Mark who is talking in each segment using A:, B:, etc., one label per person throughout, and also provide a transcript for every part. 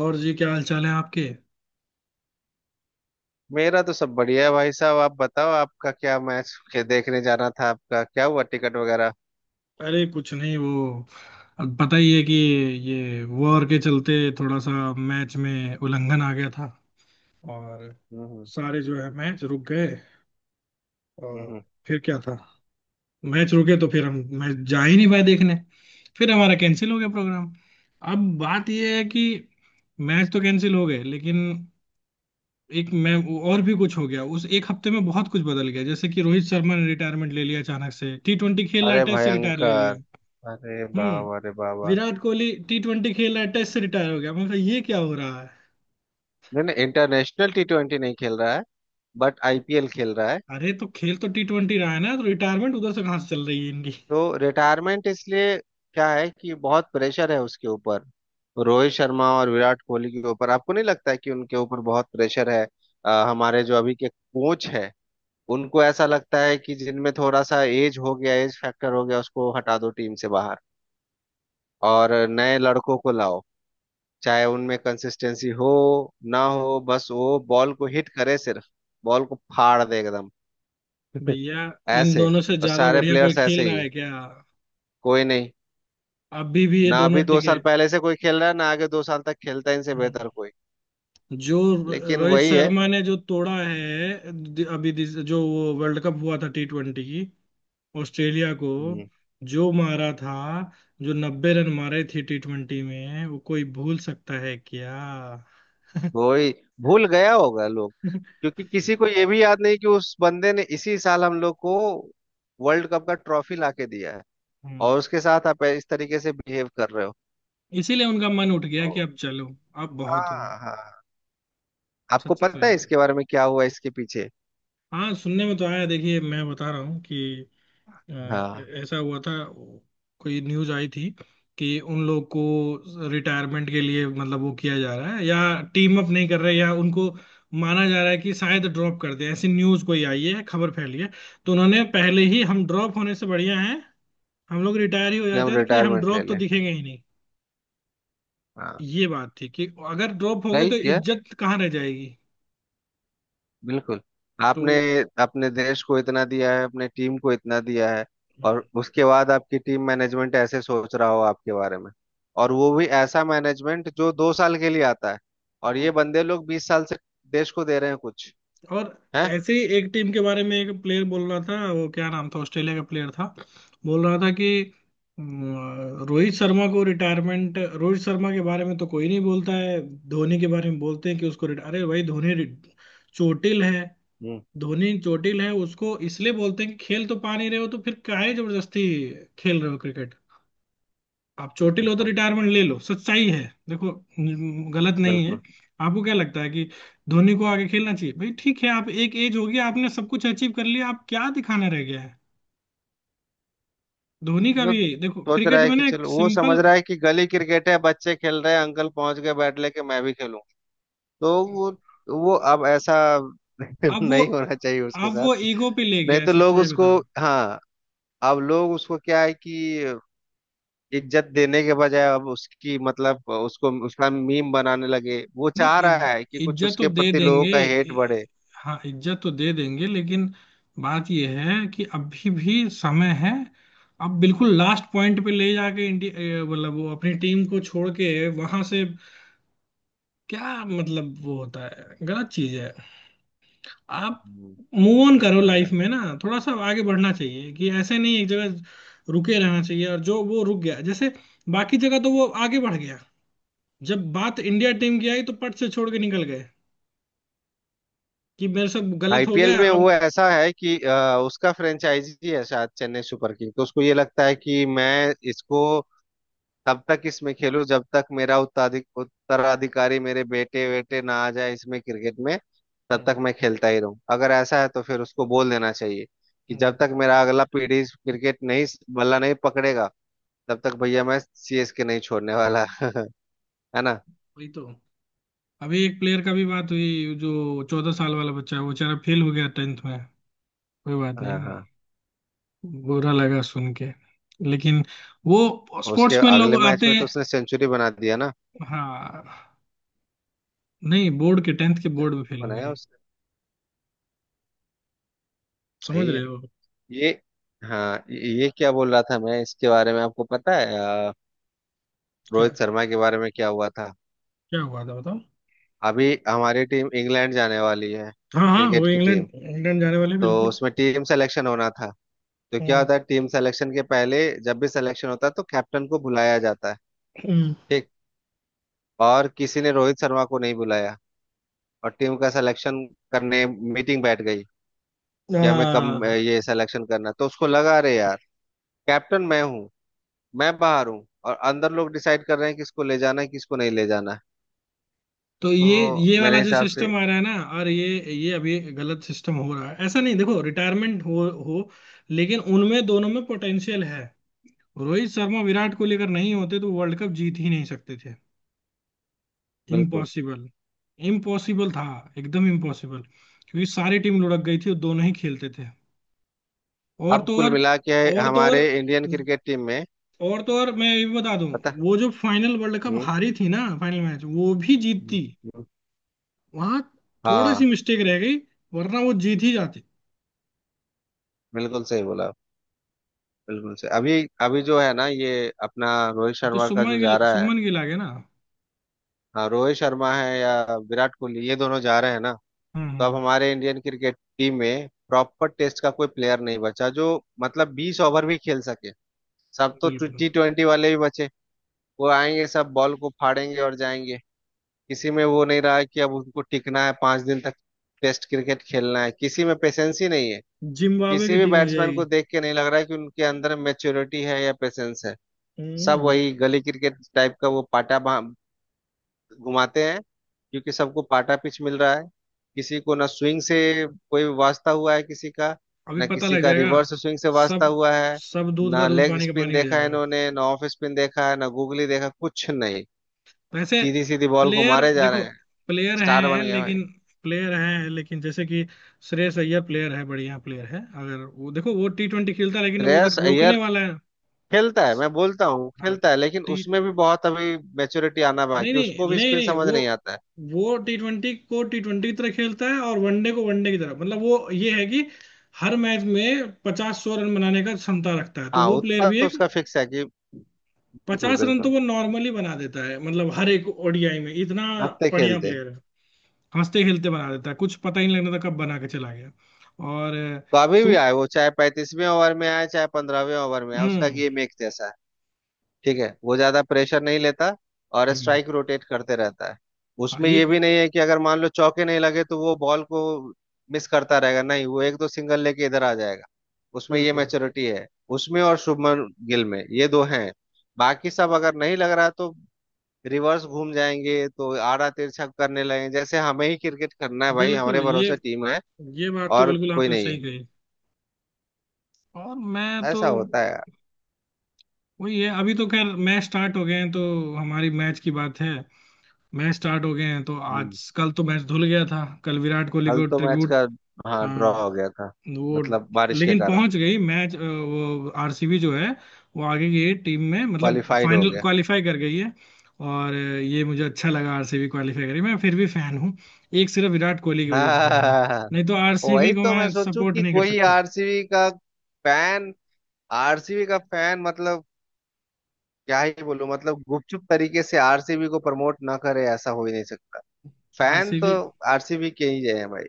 A: और जी, क्या हाल चाल है आपके।
B: मेरा तो सब बढ़िया है भाई साहब। आप बताओ आपका क्या? मैच के देखने जाना था, आपका क्या हुआ टिकट वगैरह?
A: अरे कुछ नहीं, वो अब पता ही है कि ये वॉर के चलते थोड़ा सा मैच में उल्लंघन आ गया था। और
B: हम्म।
A: सारे जो है मैच रुक गए। और
B: हम्म।
A: फिर क्या था, मैच रुके तो फिर हम मैच जा ही नहीं पाए देखने। फिर हमारा कैंसिल हो गया प्रोग्राम। अब बात यह है कि मैच तो कैंसिल हो गए, लेकिन एक मैं और भी कुछ हो गया। उस एक हफ्ते में बहुत कुछ बदल गया, जैसे कि रोहित शर्मा ने रिटायरमेंट ले लिया, अचानक से। टी ट्वेंटी खेल रहा है,
B: अरे
A: टेस्ट से रिटायर ले
B: भयंकर।
A: लिया।
B: अरे
A: हम्म।
B: बाबा, अरे बाबा।
A: विराट कोहली टी ट्वेंटी खेल रहा है, टेस्ट से रिटायर हो गया, मैं ये क्या हो रहा है।
B: नहीं नहीं, इंटरनेशनल टी ट्वेंटी नहीं खेल रहा है। बट आईपीएल खेल रहा है।
A: अरे, तो खेल तो टी ट्वेंटी रहा है ना, तो रिटायरमेंट उधर से कहाँ से चल रही है इनकी।
B: तो रिटायरमेंट इसलिए क्या है कि बहुत प्रेशर है उसके ऊपर। रोहित शर्मा और विराट कोहली के ऊपर आपको नहीं लगता है कि उनके ऊपर बहुत प्रेशर है? हमारे जो अभी के कोच है, उनको ऐसा लगता है कि जिनमें थोड़ा सा एज हो गया, एज फैक्टर हो गया, उसको हटा दो टीम से बाहर। और नए लड़कों को लाओ, चाहे उनमें कंसिस्टेंसी हो ना हो, बस वो बॉल को हिट करे सिर्फ, बॉल को फाड़ दे एकदम
A: भैया, इन
B: ऐसे।
A: दोनों से
B: और
A: ज्यादा
B: सारे
A: बढ़िया कोई
B: प्लेयर्स ऐसे
A: खेल रहा
B: ही है,
A: है क्या?
B: कोई नहीं।
A: अभी भी ये
B: ना
A: दोनों
B: अभी दो
A: टिके।
B: साल पहले से कोई खेल रहा है, ना आगे 2 साल तक खेलता है इनसे
A: हम्म।
B: बेहतर कोई।
A: जो
B: लेकिन
A: रोहित
B: वही है।
A: शर्मा ने जो तोड़ा है जो वो वर्ल्ड कप हुआ था टी ट्वेंटी, ऑस्ट्रेलिया को
B: हम्म।
A: जो मारा था, जो 90 रन मारे थे टी ट्वेंटी में, वो कोई भूल सकता है क्या?
B: वही। भूल गया होगा लोग, क्योंकि किसी को ये भी याद नहीं कि उस बंदे ने इसी साल हम लोग को वर्ल्ड कप का ट्रॉफी लाके दिया है।
A: हम्म।
B: और उसके साथ आप इस तरीके से बिहेव कर रहे हो।
A: इसीलिए उनका मन उठ गया कि अब चलो, अब बहुत हुआ।
B: हाँ हाँ। आपको
A: सच तो
B: पता
A: ये
B: है
A: है,
B: इसके बारे में क्या हुआ इसके पीछे?
A: हाँ सुनने में तो आया, देखिए मैं बता रहा हूँ कि अ,
B: हाँ।
A: ऐसा हुआ था। कोई न्यूज आई थी कि उन लोग को रिटायरमेंट के लिए मतलब वो किया जा रहा है, या टीम अप नहीं कर रहे, या उनको माना जा रहा है कि शायद ड्रॉप कर दे, ऐसी न्यूज कोई आई है, खबर फैली है। तो उन्होंने पहले ही, हम ड्रॉप होने से बढ़िया है हम लोग रिटायर ही हो
B: कि
A: जाते
B: हम
A: हैं, तो कि हम
B: रिटायरमेंट ले
A: ड्रॉप तो
B: लें।
A: दिखेंगे ही नहीं।
B: हाँ,
A: ये बात थी कि अगर ड्रॉप हो गए
B: सही
A: तो
B: किया
A: इज्जत कहाँ रह जाएगी।
B: बिल्कुल
A: तो
B: आपने। अपने देश को इतना दिया है, अपने टीम को इतना दिया है।
A: हम्म।
B: और उसके बाद आपकी टीम मैनेजमेंट ऐसे सोच रहा हो आपके बारे में। और वो भी ऐसा मैनेजमेंट जो 2 साल के लिए आता है। और ये बंदे लोग 20 साल से देश को दे रहे हैं कुछ,
A: और
B: है।
A: ऐसे ही एक टीम के बारे में एक प्लेयर बोल रहा था, वो क्या नाम था, ऑस्ट्रेलिया का प्लेयर था। बोल रहा था कि अम, रोहित शर्मा को रिटायरमेंट, रोहित शर्मा के बारे में तो कोई नहीं बोलता है। धोनी के बारे में बोलते हैं कि उसको अरे भाई, धोनी चोटिल है।
B: हम्म।
A: धोनी चोटिल है, उसको इसलिए बोलते हैं कि खेल तो पा नहीं रहे हो, तो फिर काहे जबरदस्ती खेल रहे हो। आप चोटिल हो तो
B: हाँ
A: रिटायरमेंट ले लो, सच्चाई है। देखो, गलत नहीं है।
B: बिल्कुल।
A: आपको क्या लगता है कि धोनी को आगे खेलना चाहिए? भाई ठीक है, आप एक एज हो गई, आपने सब कुछ अचीव कर लिया, आप क्या दिखाना रह गया है। धोनी का
B: वो
A: भी यही, देखो
B: सोच रहा
A: क्रिकेट
B: है
A: में
B: कि
A: ना एक
B: चलो, वो समझ
A: सिंपल।
B: रहा है कि गली क्रिकेट है, बच्चे खेल रहे हैं, अंकल पहुंच गए बैट लेके, मैं भी खेलूं। तो वो अब ऐसा
A: अब वो
B: नहीं होना चाहिए उसके
A: अब
B: साथ।
A: वो ईगो पे ले गया
B: नहीं
A: है,
B: तो लोग
A: सच्चाई बता।
B: उसको, हाँ, अब लोग उसको क्या है कि इज्जत देने के बजाय अब उसकी मतलब उसको उसका मीम बनाने लगे। वो चाह
A: नहीं,
B: रहा है कि कुछ
A: इज्जत तो
B: उसके
A: दे
B: प्रति लोगों
A: देंगे।
B: का हेट बढ़े।
A: इ- हाँ, इज्जत तो दे देंगे, लेकिन बात यह है कि अभी भी समय है। अब बिल्कुल लास्ट पॉइंट पे ले जाके इंडिया, मतलब वो अपनी टीम को छोड़ के वहां से, क्या मतलब वो होता है, गलत चीज है। आप
B: हम्म।
A: मूव ऑन
B: ये
A: करो
B: तो
A: लाइफ
B: है।
A: में, ना थोड़ा सा आगे बढ़ना चाहिए, कि ऐसे नहीं एक जगह रुके रहना चाहिए, और जो वो रुक गया जैसे बाकी जगह तो वो आगे बढ़ गया, जब बात इंडिया टीम की आई तो पट से छोड़ के निकल गए, कि मेरे से गलत हो
B: आईपीएल
A: गया
B: में वो
A: अब।
B: ऐसा है कि उसका फ्रेंचाइजी है शायद चेन्नई सुपर किंग, तो उसको ये लगता है कि मैं इसको तब तक इसमें खेलूं जब तक मेरा उत्तराधिकारी, मेरे बेटे वेटे, ना आ जाए इसमें क्रिकेट में। तब तक
A: हम्म,
B: मैं खेलता ही रहूं। अगर ऐसा है तो फिर उसको बोल देना चाहिए कि जब
A: हम्म।
B: तक मेरा अगला पीढ़ी क्रिकेट नहीं, बल्ला नहीं पकड़ेगा, तब तक भैया मैं सीएसके नहीं छोड़ने वाला है ना।
A: वही तो। अभी एक प्लेयर का भी बात हुई, जो 14 साल वाला बच्चा है, वो बेचारा फेल हो गया टेंथ में। कोई बात
B: हाँ
A: नहीं,
B: हाँ।
A: बुरा लगा सुन के, लेकिन वो
B: उसके
A: स्पोर्ट्समैन
B: अगले
A: लोग
B: मैच
A: आते
B: में तो
A: हैं।
B: उसने सेंचुरी बना दिया ना।
A: हाँ, नहीं बोर्ड के, टेंथ के बोर्ड में
B: सेंचुरी
A: फेल हो
B: बनाया
A: गए।
B: उसने।
A: समझ
B: सही
A: रहे
B: है
A: हो।
B: ये। हाँ, ये क्या बोल रहा था मैं इसके बारे में, आपको पता है? अ,
A: क्या?
B: रोहित शर्मा के बारे में क्या हुआ था?
A: क्या हुआ था बताओ।
B: अभी हमारी टीम इंग्लैंड जाने वाली है,
A: हाँ हाँ, वो
B: क्रिकेट की
A: इंग्लैंड
B: टीम।
A: इंग्लैंड जाने वाले हैं,
B: तो
A: बिल्कुल।
B: उसमें टीम सिलेक्शन होना था। तो क्या
A: हम्म।
B: होता है टीम सिलेक्शन के पहले, जब भी सिलेक्शन होता है तो कैप्टन को बुलाया जाता है,
A: हम्म।
B: ठीक। और किसी ने रोहित शर्मा को नहीं बुलाया, और टीम का सिलेक्शन करने मीटिंग बैठ गई कि हमें कम
A: आ,
B: ये सिलेक्शन करना। तो उसको लगा अरे यार, कैप्टन मैं हूँ, मैं बाहर हूँ और अंदर लोग डिसाइड कर रहे हैं किसको ले जाना है किसको नहीं ले जाना है।
A: तो ये
B: तो
A: ये वाला
B: मेरे
A: जो
B: हिसाब से
A: सिस्टम आ रहा है ना, और ये अभी गलत सिस्टम हो रहा है। ऐसा नहीं, देखो रिटायरमेंट हो, लेकिन उनमें दोनों में पोटेंशियल है। रोहित शर्मा, विराट कोहली अगर नहीं होते तो वर्ल्ड कप जीत ही नहीं सकते थे।
B: बिल्कुल।
A: इम्पॉसिबल, इम्पॉसिबल था, एकदम इम्पॉसिबल। क्योंकि सारी टीम लुढ़क गई थी और दोनों ही खेलते थे। और
B: अब
A: तो
B: कुल
A: और
B: मिला के
A: और तो
B: हमारे
A: और
B: इंडियन क्रिकेट टीम में,
A: और तो और मैं ये भी बता दूं,
B: पता।
A: वो जो फाइनल वर्ल्ड कप
B: हम्म।
A: हारी थी ना फाइनल मैच, वो भी
B: हम्म।
A: जीतती,
B: हम्म।
A: वहां थोड़ी सी
B: हाँ,
A: मिस्टेक रह गई, वरना वो जीत ही जाती।
B: बिल्कुल सही बोला। बिल्कुल से अभी अभी जो है ना, ये अपना रोहित
A: अब तो
B: शर्मा का
A: सुमन
B: जो
A: गिल
B: जा रहा है,
A: सुमन गिल आ गए ना।
B: हाँ, रोहित शर्मा है या विराट कोहली, ये दोनों जा रहे हैं ना।
A: हम्म
B: तो अब
A: हम्म।
B: हमारे इंडियन क्रिकेट टीम में प्रॉपर टेस्ट का कोई प्लेयर नहीं बचा जो मतलब 20 ओवर भी खेल सके। सब तो
A: बिल्कुल।
B: टी ट्वेंटी वाले ही बचे। वो आएंगे, सब बॉल को फाड़ेंगे और जाएंगे। किसी में वो नहीं रहा है कि अब उनको टिकना है 5 दिन तक। टेस्ट क्रिकेट खेलना है, किसी में पेशेंस ही नहीं है।
A: जिम्बाब्वे की
B: किसी भी
A: टीम हो
B: बैट्समैन को
A: जाएगी।
B: देख के नहीं लग रहा है कि उनके अंदर मेच्योरिटी है या पेशेंस है। सब
A: हम्म।
B: वही गली क्रिकेट टाइप का वो पाटा घुमाते हैं, क्योंकि सबको पाटा पिच मिल रहा है। किसी को ना स्विंग से कोई वास्ता हुआ है किसी का,
A: अभी
B: ना
A: पता
B: किसी
A: लग
B: का
A: जाएगा।
B: रिवर्स स्विंग से वास्ता
A: सब,
B: हुआ है,
A: सब दूध का
B: ना
A: दूध
B: लेग
A: पानी का
B: स्पिन
A: पानी हो
B: देखा है
A: जाएगा।
B: इन्होंने, ना ऑफ स्पिन देखा है, ना गूगली देखा, कुछ नहीं।
A: वैसे
B: सीधी सीधी बॉल को
A: प्लेयर
B: मारे जा
A: देखो,
B: रहे हैं।
A: प्लेयर
B: स्टार बन
A: हैं
B: गए
A: लेकिन
B: भाई।
A: प्लेयर हैं लेकिन जैसे कि श्रेयस अय्यर प्लेयर है, बढ़िया प्लेयर है। अगर वो देखो वो टी ट्वेंटी खेलता है, लेकिन वो अगर
B: श्रेयस
A: रोकने
B: अय्यर
A: वाला है।
B: खेलता है, मैं बोलता हूँ
A: हाँ।
B: खेलता है, लेकिन उसमें भी बहुत अभी मेच्योरिटी आना
A: नहीं
B: बाकी, उसको
A: नहीं
B: भी
A: नहीं
B: स्पिन
A: नहीं,
B: समझ
A: वो
B: नहीं आता है।
A: वो टी ट्वेंटी को टी ट्वेंटी की तरह खेलता है, और वनडे को वनडे की तरह, मतलब वो ये है कि हर मैच में पचास सौ रन बनाने का क्षमता रखता है, तो
B: हाँ,
A: वो प्लेयर
B: उत्पात
A: भी
B: तो
A: एक।
B: उसका फिक्स है कि बिल्कुल
A: 50 रन तो
B: बिल्कुल।
A: वो नॉर्मली बना देता है, मतलब हर एक ओडीआई में इतना।
B: हंसते
A: बढ़िया
B: खेलते।
A: प्लेयर है। हंसते खेलते बना देता है, कुछ पता ही नहीं लगता था कब बना के चला गया। और
B: तो अभी भी
A: सुम
B: आए वो, चाहे 35वें ओवर में आए चाहे 15वें ओवर में आए, उसका
A: हम्म
B: गेम एक जैसा है। ठीक है, वो ज्यादा प्रेशर नहीं लेता, और
A: हम्म।
B: स्ट्राइक रोटेट करते रहता है।
A: हाँ,
B: उसमें ये
A: ये
B: भी नहीं है कि अगर मान लो चौके नहीं लगे तो वो बॉल को मिस करता रहेगा। नहीं, वो एक दो सिंगल लेके इधर आ जाएगा। उसमें ये
A: बिल्कुल
B: मैच्योरिटी है। उसमें और शुभमन गिल में ये दो हैं। बाकी सब, अगर नहीं लग रहा तो रिवर्स घूम जाएंगे, तो आड़ा तिरछा करने लगेंगे जैसे हमें ही क्रिकेट करना है भाई, हमारे
A: बिल्कुल, ये
B: भरोसे टीम है।
A: ये बात तो
B: और
A: बिल्कुल
B: कोई
A: आपने
B: नहीं
A: सही
B: है।
A: कही। और मैं तो
B: ऐसा होता है यार।
A: वही है, अभी तो खैर मैच स्टार्ट हो गए हैं तो हमारी मैच की बात है। मैच स्टार्ट हो गए हैं तो
B: हम्म।
A: आज कल तो मैच धुल गया था, कल विराट कोहली
B: कल
A: को
B: तो मैच
A: ट्रिब्यूट।
B: का, हाँ,
A: हाँ,
B: ड्रॉ हो गया था,
A: वो
B: मतलब बारिश के
A: लेकिन
B: कारण।
A: पहुंच गई मैच, वो आरसीबी जो है वो आगे की टीम में, मतलब
B: क्वालिफाइड हो
A: फाइनल
B: गया
A: क्वालिफाई कर गई है। और ये मुझे अच्छा लगा, आरसीबी क्वालिफाई करी, मैं फिर भी फैन हूँ। एक सिर्फ विराट कोहली की वजह से फैन हूँ।
B: हाँ,
A: नहीं तो आरसीबी
B: वही
A: को
B: तो मैं
A: मैं
B: सोचूं
A: सपोर्ट
B: कि
A: नहीं कर
B: कोई
A: सकता।
B: आरसीबी का फैन, आरसीबी का फैन मतलब क्या ही बोलूं, मतलब गुपचुप तरीके से आरसीबी को प्रमोट ना करे ऐसा हो ही नहीं सकता। फैन तो
A: आरसीबी
B: आरसीबी के ही हैं भाई।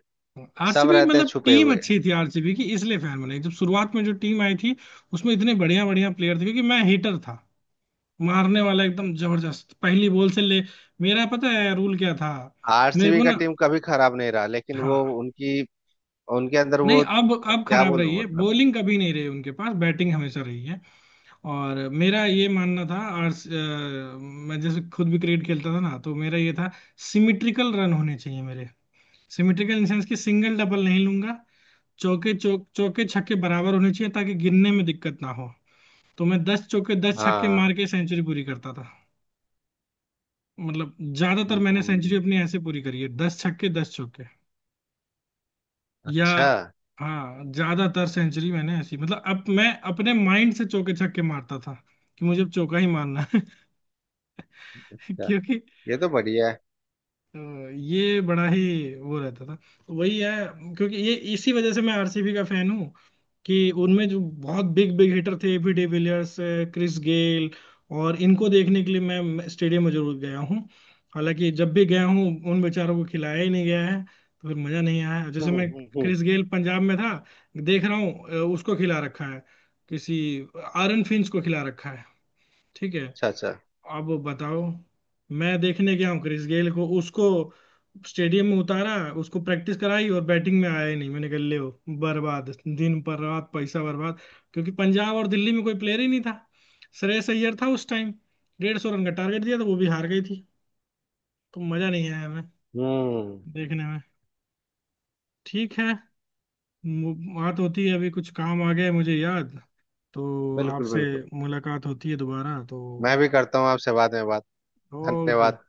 B: सब
A: आरसीबी
B: रहते हैं
A: मतलब
B: छुपे
A: टीम
B: हुए।
A: अच्छी थी आरसीबी की, इसलिए फैन बने, जब शुरुआत में जो टीम आई थी उसमें इतने बढ़िया बढ़िया प्लेयर थे, क्योंकि मैं हिटर था, मारने वाला एकदम जबरदस्त पहली बॉल से ले। मेरा पता है रूल क्या था, मेरे
B: आरसीबी
A: को
B: का
A: ना,
B: टीम कभी खराब नहीं रहा, लेकिन वो
A: हाँ
B: उनकी, उनके अंदर
A: नहीं,
B: वो
A: अब
B: क्या
A: खराब रही
B: बोलूं
A: है
B: मतलब।
A: बॉलिंग, कभी नहीं रही, उनके पास बैटिंग हमेशा रही है। और मेरा ये मानना था, और मैं जैसे खुद भी क्रिकेट खेलता था ना, तो मेरा ये था सिमिट्रिकल रन होने चाहिए मेरे। सिमिट्रिकल इन सेंस कि सिंगल डबल नहीं लूंगा, चौके चौके छक्के बराबर होने चाहिए, ताकि गिनने में दिक्कत ना हो। तो मैं 10 चौके 10 छक्के
B: हाँ।
A: मार के सेंचुरी पूरी करता था। मतलब ज्यादातर मैंने
B: हम्म।
A: सेंचुरी अपनी ऐसे पूरी करी है, 10 छक्के 10 चौके,
B: अच्छा
A: या,
B: अच्छा।
A: हाँ ज्यादातर सेंचुरी मैंने ऐसी, मतलब अब मैं अपने माइंड से चौके छक्के मारता था, कि मुझे अब चौका ही मारना है। क्योंकि
B: ये तो बढ़िया है।
A: ये बड़ा ही वो रहता था, तो वही है, क्योंकि ये इसी वजह से मैं आरसीबी का फैन हूँ। कि उनमें जो बहुत बिग बिग हिटर थे, एबी डिविलियर्स, क्रिस गेल, और इनको देखने के लिए मैं स्टेडियम में जरूर गया हूँ। हालांकि जब भी गया हूँ, उन बेचारों को खिलाया ही नहीं गया है, तो फिर मजा नहीं आया।
B: हम्म।
A: जैसे मैं
B: हम्म। हम्म।
A: क्रिस गेल पंजाब में था, देख रहा हूँ उसको खिला रखा है, किसी आरन फिंच को खिला रखा है, ठीक है।
B: अच्छा अच्छा।
A: अब बताओ, मैं देखने गया हूँ क्रिस गेल को, उसको स्टेडियम में उतारा, उसको प्रैक्टिस कराई, और बैटिंग में आया ही नहीं। मैंने कहा ले हो, बर्बाद दिन पर रात, पैसा बर्बाद। क्योंकि पंजाब और दिल्ली में कोई प्लेयर ही नहीं था, श्रेयस अय्यर था उस टाइम। 150 रन का टारगेट दिया था, वो भी हार गई थी। तो मजा नहीं आया हमें
B: हम्म।
A: देखने में, ठीक है। बात होती है, अभी कुछ काम आ गया है मुझे याद, तो
B: बिल्कुल
A: आपसे
B: बिल्कुल।
A: मुलाकात होती है दोबारा, तो
B: मैं भी करता हूँ आपसे बाद में बात।
A: ओके।
B: धन्यवाद।